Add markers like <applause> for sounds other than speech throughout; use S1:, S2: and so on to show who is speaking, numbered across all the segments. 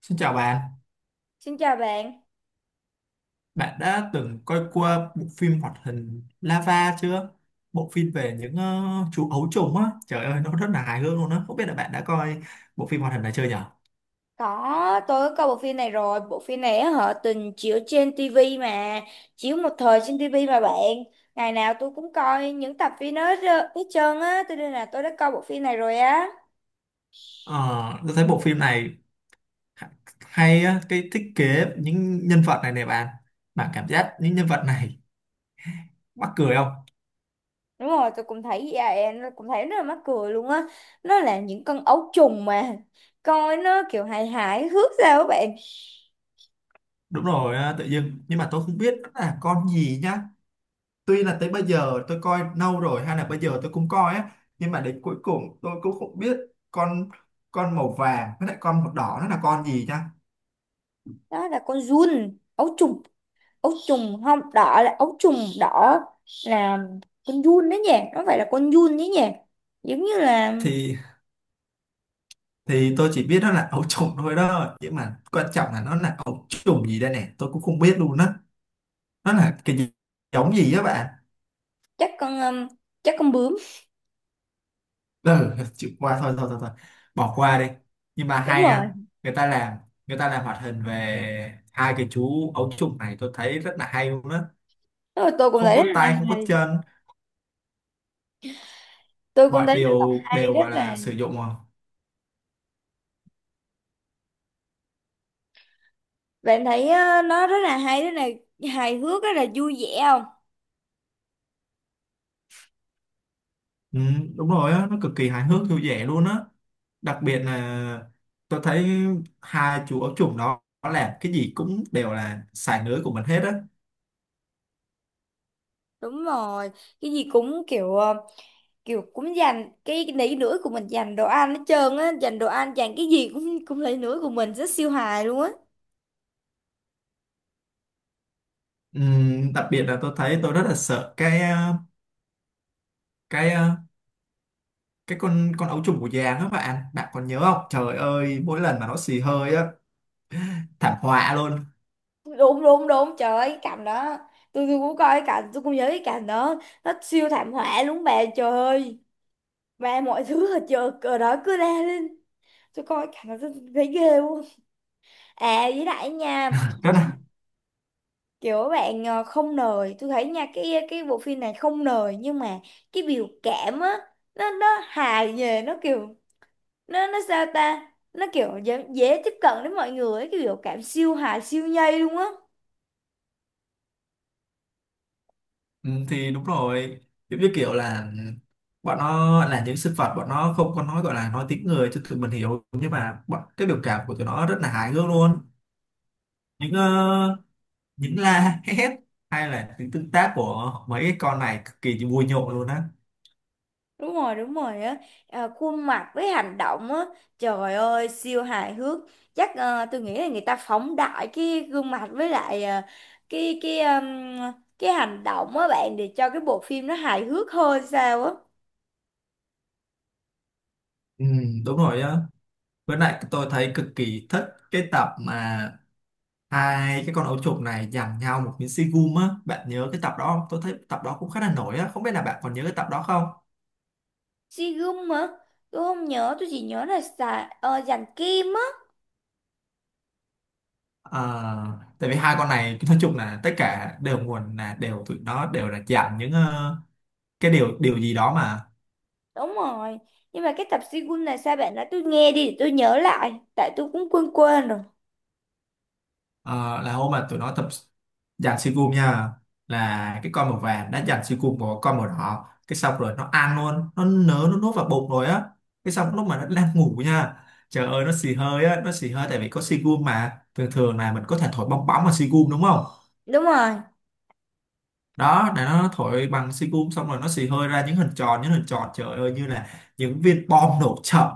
S1: Xin chào bạn,
S2: Xin chào bạn.
S1: bạn đã từng coi qua bộ phim hoạt hình Lava chưa? Bộ phim về những chú ấu trùng á, trời ơi nó rất là hài hước luôn á. Không biết là bạn đã coi bộ phim hoạt hình này chưa nhở?
S2: Có, tôi có coi bộ phim này rồi. Bộ phim này á, họ từng chiếu trên tivi mà. Chiếu một thời trên tivi mà bạn. Ngày nào tôi cũng coi những tập phim đó hết trơn á. Tôi nên là tôi đã coi bộ phim này rồi á.
S1: Ờ, tôi thấy bộ phim này ha- hay á, cái thiết kế những nhân vật này nè bạn. Bạn cảm giác những nhân vật này mắc cười không?
S2: Đúng rồi, tôi cũng thấy vậy. Nó cũng thấy rất là mắc cười luôn á. Nó là những con ấu trùng mà. Coi nó kiểu hài hài hước sao các bạn.
S1: Đúng rồi, tự dưng. Nhưng mà tôi không biết nó là con gì nhá. Tuy là tới bây giờ tôi coi lâu rồi hay là bây giờ tôi cũng coi á, nhưng mà đến cuối cùng tôi cũng không biết con con màu vàng với lại con màu đỏ nó là con gì nha.
S2: Đó là con giun, ấu trùng. Ấu trùng không đỏ là ấu trùng đỏ là con giun đấy nhỉ, nó phải là con giun đấy nhỉ, giống như là
S1: Thì thì tôi chỉ biết nó là ấu trùng thôi đó, nhưng mà quan trọng là nó là ấu trùng gì đây nè, tôi cũng không biết luôn á. Nó là cái gì, giống gì á bạn?
S2: chắc con um, chắc con bướm.
S1: Ừ, chịu qua, thôi thôi thôi thôi, bỏ qua đi. Nhưng mà
S2: Đúng
S1: hay
S2: rồi.
S1: ha, người ta làm người ta làm hoạt hình về hai cái chú ấu trùng này, tôi thấy rất là hay luôn á.
S2: Đúng rồi, tôi cũng
S1: Không
S2: thấy
S1: có
S2: rất là
S1: tay không có
S2: hay,
S1: chân,
S2: tôi cũng
S1: mọi
S2: thấy rất là
S1: điều
S2: hay,
S1: đều
S2: rất
S1: gọi
S2: là.
S1: là sử dụng à.
S2: Bạn thấy nó rất là hay, rất là hài hước, rất là vui vẻ không?
S1: Ừ, đúng rồi á, nó cực kỳ hài hước vui vẻ luôn á. Đặc biệt là tôi thấy hai chú ấu trùng đó nó làm cái gì cũng đều là xài lưới của mình hết á.
S2: Đúng rồi, cái gì cũng kiểu kiểu cũng dành cái nỉ nữa của mình, dành đồ ăn hết trơn á, dành đồ ăn, dành cái gì cũng cũng lấy nữa của mình, rất siêu hài luôn á.
S1: Ừ, đặc biệt là tôi thấy tôi rất là sợ cái cái cái con ấu trùng của già đó bạn, bạn còn nhớ không, trời ơi mỗi lần mà nó xì hơi á, thảm họa luôn,
S2: Đúng đúng đúng, trời ơi cái cảnh đó, tôi cũng coi cái cảnh, tôi cũng nhớ cái cảnh đó, nó siêu thảm họa luôn bà, trời ơi mà mọi thứ ở chợ ở đó cứ la lên. Tôi coi cái cảnh đó tôi thấy ghê luôn. À với lại nha,
S1: rất là.
S2: kiểu bạn không nời tôi thấy nha, cái bộ phim này không nời nhưng mà cái biểu cảm á, nó hài về nó kiểu, nó sao ta, nó kiểu dễ tiếp cận đến mọi người ấy, cái biểu cảm siêu hài siêu nhây luôn á.
S1: Ừ, thì đúng rồi, giống như kiểu là ừ, bọn nó là những sinh vật, bọn nó không có nói, gọi là nói tiếng người cho tụi mình hiểu, nhưng mà bọn cái biểu cảm của tụi nó rất là hài hước luôn. Những những la hét hay là những tương tác của mấy cái con này cực kỳ vui nhộn luôn á.
S2: Đúng rồi, đúng rồi á. À, khuôn mặt với hành động á, trời ơi siêu hài hước. Chắc tôi nghĩ là người ta phóng đại cái gương mặt với lại cái cái ừm, cái hành động á bạn, để cho cái bộ phim nó hài hước hơn sao á.
S1: Ừ, đúng rồi á, với lại tôi thấy cực kỳ thích cái tập mà hai cái con ấu trùng này giằng nhau một miếng xi gum á, bạn nhớ cái tập đó không? Tôi thấy tập đó cũng khá là nổi á, không biết là bạn còn nhớ cái tập đó không.
S2: Sigum hả? Tôi không nhớ, tôi chỉ nhớ là xà, dàn kim á.
S1: Ờ, tại vì hai con này nói chung là tất cả đều nguồn là đều tụi nó đều là dạng những cái điều điều gì đó mà.
S2: Đúng rồi, nhưng mà cái tập Sigum này sao bạn nói tôi nghe đi để tôi nhớ lại, tại tôi cũng quên quên rồi.
S1: Ờ, là hôm mà tụi nó tập dàn si cùm nha, là cái con màu vàng đã dàn si cùm của con màu đỏ, cái xong rồi nó ăn luôn, nó nớ nó nuốt vào bụng rồi á. Cái xong lúc mà nó đang ngủ nha, trời ơi nó xì hơi á, nó xì hơi tại vì có si cùm mà, thường thường là mình có thể thổi bong bóng mà si cùm đúng không?
S2: Đúng rồi.
S1: Đó, để nó thổi bằng xi cum xong rồi nó xì hơi ra những hình tròn, những hình tròn, trời ơi như là những viên bom nổ chậm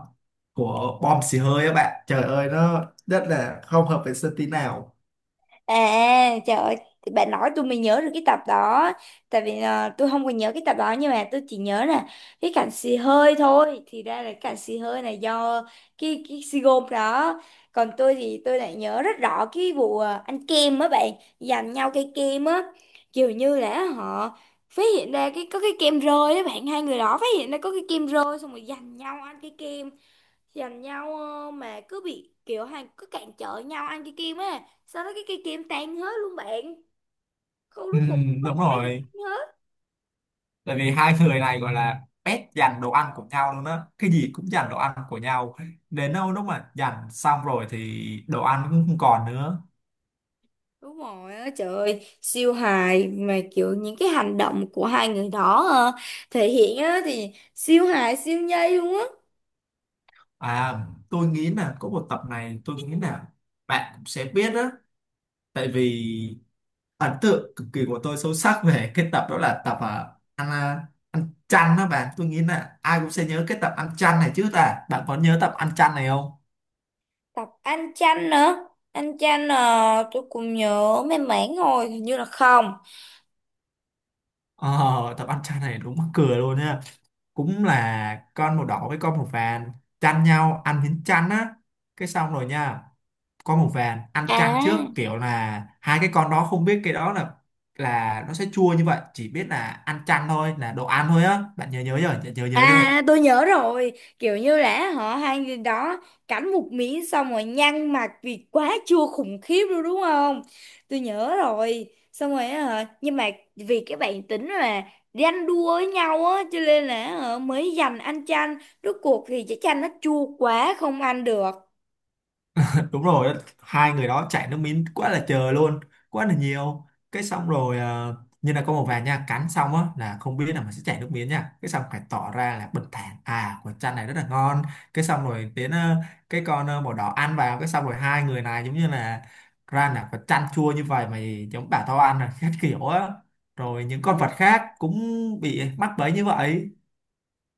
S1: của bom xì hơi á bạn, trời ơi nó rất là không hợp vệ sinh tí nào.
S2: À trời ơi, thì bạn nói tôi mới nhớ được cái tập đó. Tại vì tôi không còn nhớ cái tập đó, nhưng mà tôi chỉ nhớ là cái cảnh xì hơi thôi. Thì ra là cái cảnh xì hơi này do cái xì gôm đó. Còn tôi thì tôi lại nhớ rất rõ cái vụ ăn kem á bạn, giành nhau cây kem á. Kiểu như là họ phát hiện ra cái có cái kem rơi á bạn, hai người đó phát hiện ra có cái kem rơi, xong rồi giành nhau ăn cái kem, giành nhau mà cứ bị kiểu hàng cứ cản trở nhau ăn cái kim á, sau đó cái cây kim tan hết luôn bạn, không,
S1: Ừ,
S2: rút cuộc không có
S1: đúng
S2: ai được
S1: rồi.
S2: ăn hết.
S1: Tại vì hai người này gọi là pet giành đồ ăn của nhau luôn á. Cái gì cũng giành đồ ăn của nhau. Đến đâu lúc mà giành xong rồi thì đồ ăn cũng không còn nữa.
S2: Đúng rồi á, trời ơi siêu hài, mà kiểu những cái hành động của hai người đó thể hiện á thì siêu hài siêu nhây luôn á.
S1: À, tôi nghĩ là có một tập này, tôi nghĩ là bạn cũng sẽ biết á. Tại vì ấn tượng cực kỳ của tôi sâu sắc về cái tập đó là tập ăn, ăn chăn đó bạn, tôi nghĩ là ai cũng sẽ nhớ cái tập ăn chăn này chứ ta, bạn có nhớ tập ăn chăn này không?
S2: Tập anh chanh nữa. Anh chanh tôi cũng nhớ mấy mảng rồi, hình như là không.
S1: Ờ, tập ăn chăn này đúng mắc cười luôn nha, cũng là con màu đỏ với con màu vàng chăn nhau ăn miếng chăn á. Cái xong rồi nha, con màu vàng ăn chăn trước,
S2: À.
S1: kiểu là hai cái con đó không biết cái đó là nó sẽ chua như vậy, chỉ biết là ăn chăn thôi, là đồ ăn thôi á, bạn nhớ nhớ chưa, nhớ nhớ chưa?
S2: À tôi nhớ rồi. Kiểu như là họ, hai người đó cắn một miếng xong rồi nhăn mặt vì quá chua khủng khiếp luôn đúng không. Tôi nhớ rồi. Xong rồi á hả, nhưng mà vì cái bản tính là ganh đua với nhau á, cho nên là hả, mới giành ăn chanh. Rốt cuộc thì cái chanh nó chua quá không ăn được.
S1: Đúng rồi, hai người đó chạy nước miếng quá là trời luôn, quá là nhiều. Cái xong rồi như là có một vài nha cắn xong á là không biết là mình sẽ chảy nước miếng nha, cái xong phải tỏ ra là bình thản à, quả chanh này rất là ngon. Cái xong rồi đến cái con màu đỏ ăn vào, cái xong rồi hai người này giống như là ra là quả chanh chua như vậy mày giống bảo tao ăn là khác <laughs> kiểu á, rồi những con
S2: Đúng,
S1: vật khác cũng bị mắc bẫy như vậy.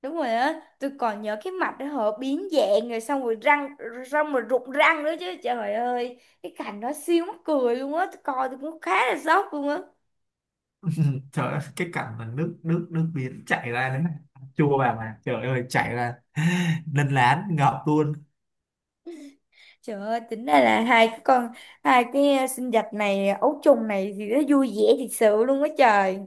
S2: đúng rồi á. Tôi còn nhớ cái mặt đó họ biến dạng, rồi xong rồi răng, xong rồi rụng răng nữa chứ. Trời ơi, cái cảnh đó siêu mắc cười luôn á, tôi coi tôi cũng khá là sốc luôn á.
S1: <laughs> Ừ, trời ơi, cái cảnh mà nước nước nước biển chảy ra đấy này, chua bà mà trời ơi chảy ra, <laughs> đân lán ngợp luôn.
S2: Trời ơi, tính ra là hai cái sinh vật này ấu trùng này thì nó vui vẻ thiệt sự luôn á trời.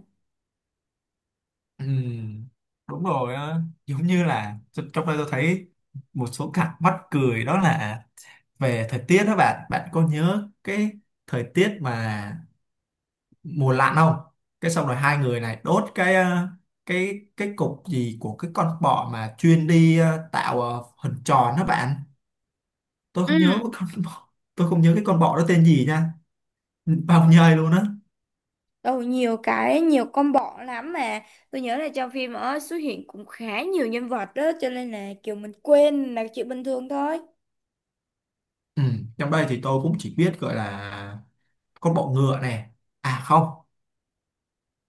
S1: Ừ, đúng rồi á. Giống như là trong đây tôi thấy một số cảnh mắc cười đó là về thời tiết đó bạn, bạn có nhớ cái thời tiết mà mùa lạnh không? Cái xong rồi hai người này đốt cái cái cục gì của cái con bọ mà chuyên đi tạo hình tròn đó bạn, tôi
S2: Ừ,
S1: không nhớ cái con <laughs> bọ, tôi không nhớ cái con bọ đó tên gì nha, bao nhây luôn á.
S2: ừ, nhiều cái, nhiều combo lắm mà. Tôi nhớ là trong phim ở xuất hiện cũng khá nhiều nhân vật đó, cho nên là kiểu mình quên là chuyện bình thường thôi.
S1: Ừ. Trong đây thì tôi cũng chỉ biết gọi là con bọ ngựa này. À không,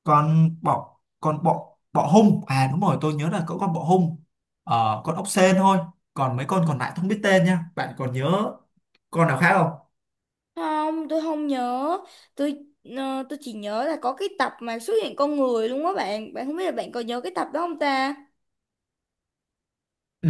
S1: con bọ bọ hung. À đúng rồi, tôi nhớ là có con bọ hung. Ờ, con ốc sên thôi. Còn mấy con còn lại không biết tên nha. Bạn còn nhớ con nào khác không?
S2: Không, tôi không nhớ. Tôi tôi chỉ nhớ là có cái tập mà xuất hiện con người luôn á bạn, bạn không biết là bạn có nhớ cái tập đó không ta?
S1: Ừ,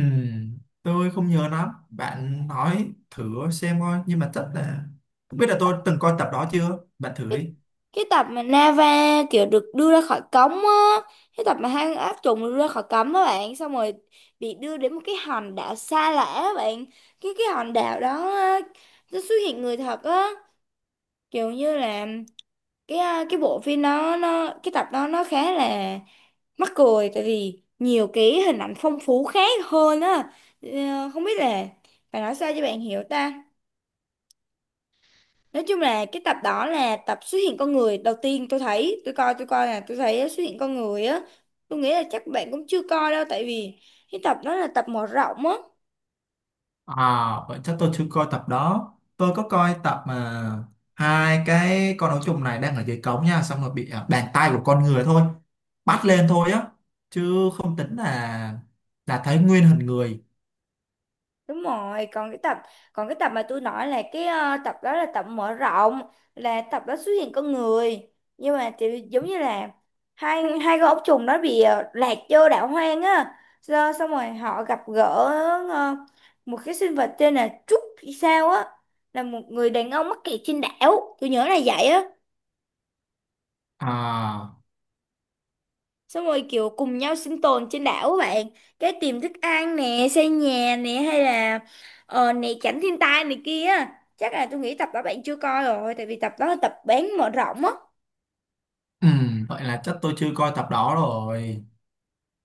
S1: tôi không nhớ lắm. Bạn nói thử xem coi, nhưng mà chắc là không biết là tôi từng coi tập đó chưa? Bạn thử
S2: cái,
S1: đi.
S2: cái tập mà Nava kiểu được đưa ra khỏi cống á, cái tập mà hang ác trùng được đưa ra khỏi cống đó bạn, xong rồi bị đưa đến một cái hòn đảo xa lạ á bạn. Cái hòn đảo đó á, nó xuất hiện người thật á, kiểu như là cái cái bộ phim đó nó, cái tập đó nó khá là mắc cười, tại vì nhiều cái hình ảnh phong phú khác hơn á. Ờ, Không biết là phải nói sao cho bạn hiểu ta, nói chung là cái tập đó là tập xuất hiện con người đầu tiên, tôi thấy tôi coi, là tôi thấy xuất hiện con người á. Tôi nghĩ là chắc bạn cũng chưa coi đâu, tại vì cái tập đó là tập mở rộng á.
S1: À, vậy chắc tôi chưa coi tập đó. Tôi có coi tập mà hai cái con ấu trùng này đang ở dưới cống nha, xong rồi bị bàn tay của con người thôi bắt lên thôi á, chứ không tính là thấy nguyên hình người.
S2: Đúng rồi, còn cái tập mà tôi nói là cái tập đó là tập mở rộng, là tập đó xuất hiện con người, nhưng mà thì giống như là hai hai con ốc trùng đó bị lạc vô đảo hoang á. Rồi, xong rồi họ gặp gỡ ờ, một cái sinh vật tên là Trúc hay sao á, là một người đàn ông mắc kẹt trên đảo, tôi nhớ là vậy á.
S1: À,
S2: Xong rồi kiểu cùng nhau sinh tồn trên đảo các bạn, cái tìm thức ăn nè, xây nhà nè, hay là ờ nè tránh thiên tai này kia. Chắc là tôi nghĩ tập đó bạn chưa coi rồi, tại vì tập đó là tập bán mở rộng á.
S1: vậy là chắc tôi chưa coi tập đó rồi.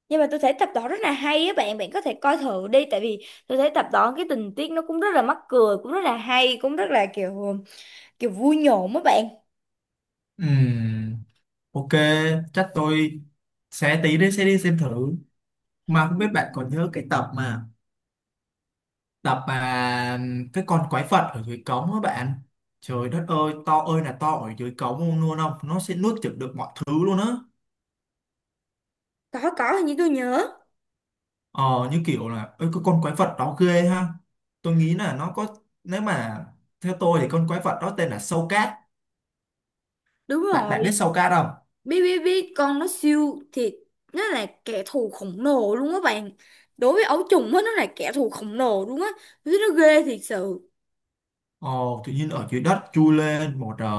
S2: Nhưng mà tôi thấy tập đó rất là hay á bạn, bạn có thể coi thử đi, tại vì tôi thấy tập đó cái tình tiết nó cũng rất là mắc cười, cũng rất là hay, cũng rất là kiểu, kiểu vui nhộn á bạn.
S1: Ừm, ok, chắc tôi sẽ tí đi sẽ đi xem thử. Mà không biết bạn còn nhớ cái tập mà cái con quái vật ở dưới cống á bạn, trời đất ơi to ơi là to ở dưới cống luôn luôn không, nó sẽ nuốt chửng được mọi thứ luôn á.
S2: Có hình như tôi nhớ.
S1: Ờ, như kiểu là ơi cái con quái vật đó ghê ha, tôi nghĩ là nó có, nếu mà theo tôi thì con quái vật đó tên là sâu cát,
S2: Đúng
S1: bạn
S2: rồi.
S1: bạn biết
S2: biết
S1: sâu cát không?
S2: biết biết con nó siêu thì, nó là kẻ thù khổng lồ luôn á bạn, đối với ấu trùng á nó là kẻ thù khổng lồ luôn á. Tôi thấy nó ghê thiệt sự.
S1: Ờ, tự nhiên ở dưới đất chui lên một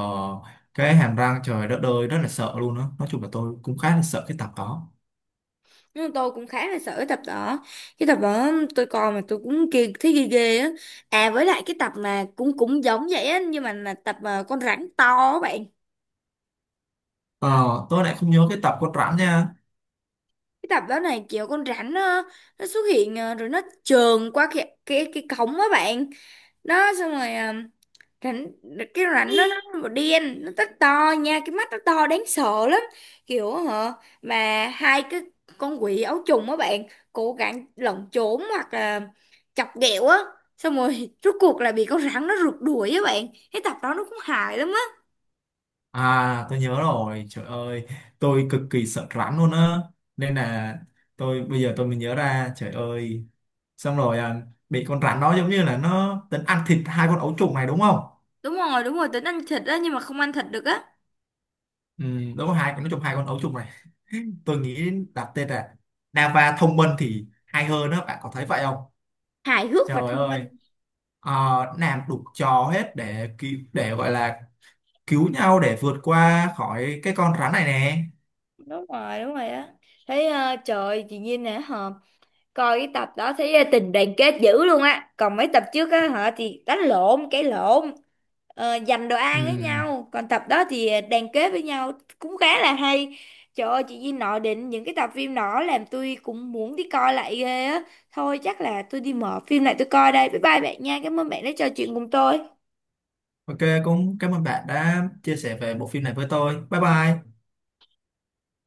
S1: cái hàm răng, trời đất ơi rất là sợ luôn á, nói chung là tôi cũng khá là sợ cái tập đó.
S2: Nhưng mà tôi cũng khá là sợ cái tập đó, cái tập đó tôi coi mà tôi cũng kia thấy ghê ghê á. À với lại cái tập mà cũng cũng giống vậy á, nhưng mà là tập mà con rắn to á bạn.
S1: Ờ, tôi lại không nhớ cái tập con rắn nha.
S2: Cái tập đó này kiểu con rắn nó xuất hiện rồi nó trườn qua cái cổng á bạn. Đó xong rồi rảnh, cái rảnh nó đen, nó rất to nha, cái mắt nó to đáng sợ lắm, kiểu hả, mà hai cái con quỷ áo trùng á bạn cố gắng lẩn trốn hoặc là chọc ghẹo á, xong rồi <laughs> rốt cuộc là bị con rắn nó rượt đuổi á bạn. Cái tập đó nó cũng hài lắm á.
S1: À, tôi nhớ rồi, trời ơi, tôi cực kỳ sợ rắn luôn á. Nên là tôi bây giờ tôi mới nhớ ra, trời ơi. Xong rồi bị con rắn đó giống như là nó tính ăn thịt hai con ấu trùng này đúng không?
S2: Đúng rồi, đúng rồi tính ăn thịt á, nhưng mà không ăn thịt được á.
S1: Ừ, đúng rồi, hai con nó trùng hai con ấu trùng này. Tôi nghĩ đặt tên là Nava thông minh thì hay hơn đó, bạn có thấy vậy không?
S2: Hài hước và
S1: Trời
S2: thông
S1: ơi,
S2: minh.
S1: ờ, làm đủ trò hết để cứu, để gọi là cứu nhau để vượt qua khỏi cái con rắn này nè.
S2: Đúng rồi, đúng rồi á. Thấy trời chị Nhiên nè hả, coi cái tập đó thấy tình đoàn kết dữ luôn á, còn mấy tập trước á hả thì đánh lộn cái lộn, dành đồ
S1: Ừ.
S2: ăn với nhau, còn tập đó thì đoàn kết với nhau, cũng khá là hay. Trời ơi chị Duy nói đến những cái tập phim đó làm tôi cũng muốn đi coi lại ghê á. Thôi chắc là tôi đi mở phim lại tôi coi đây, bye bye bạn nha, cảm ơn bạn đã trò chuyện cùng tôi.
S1: Ok, cũng cảm ơn bạn đã chia sẻ về bộ phim này với tôi. Bye bye.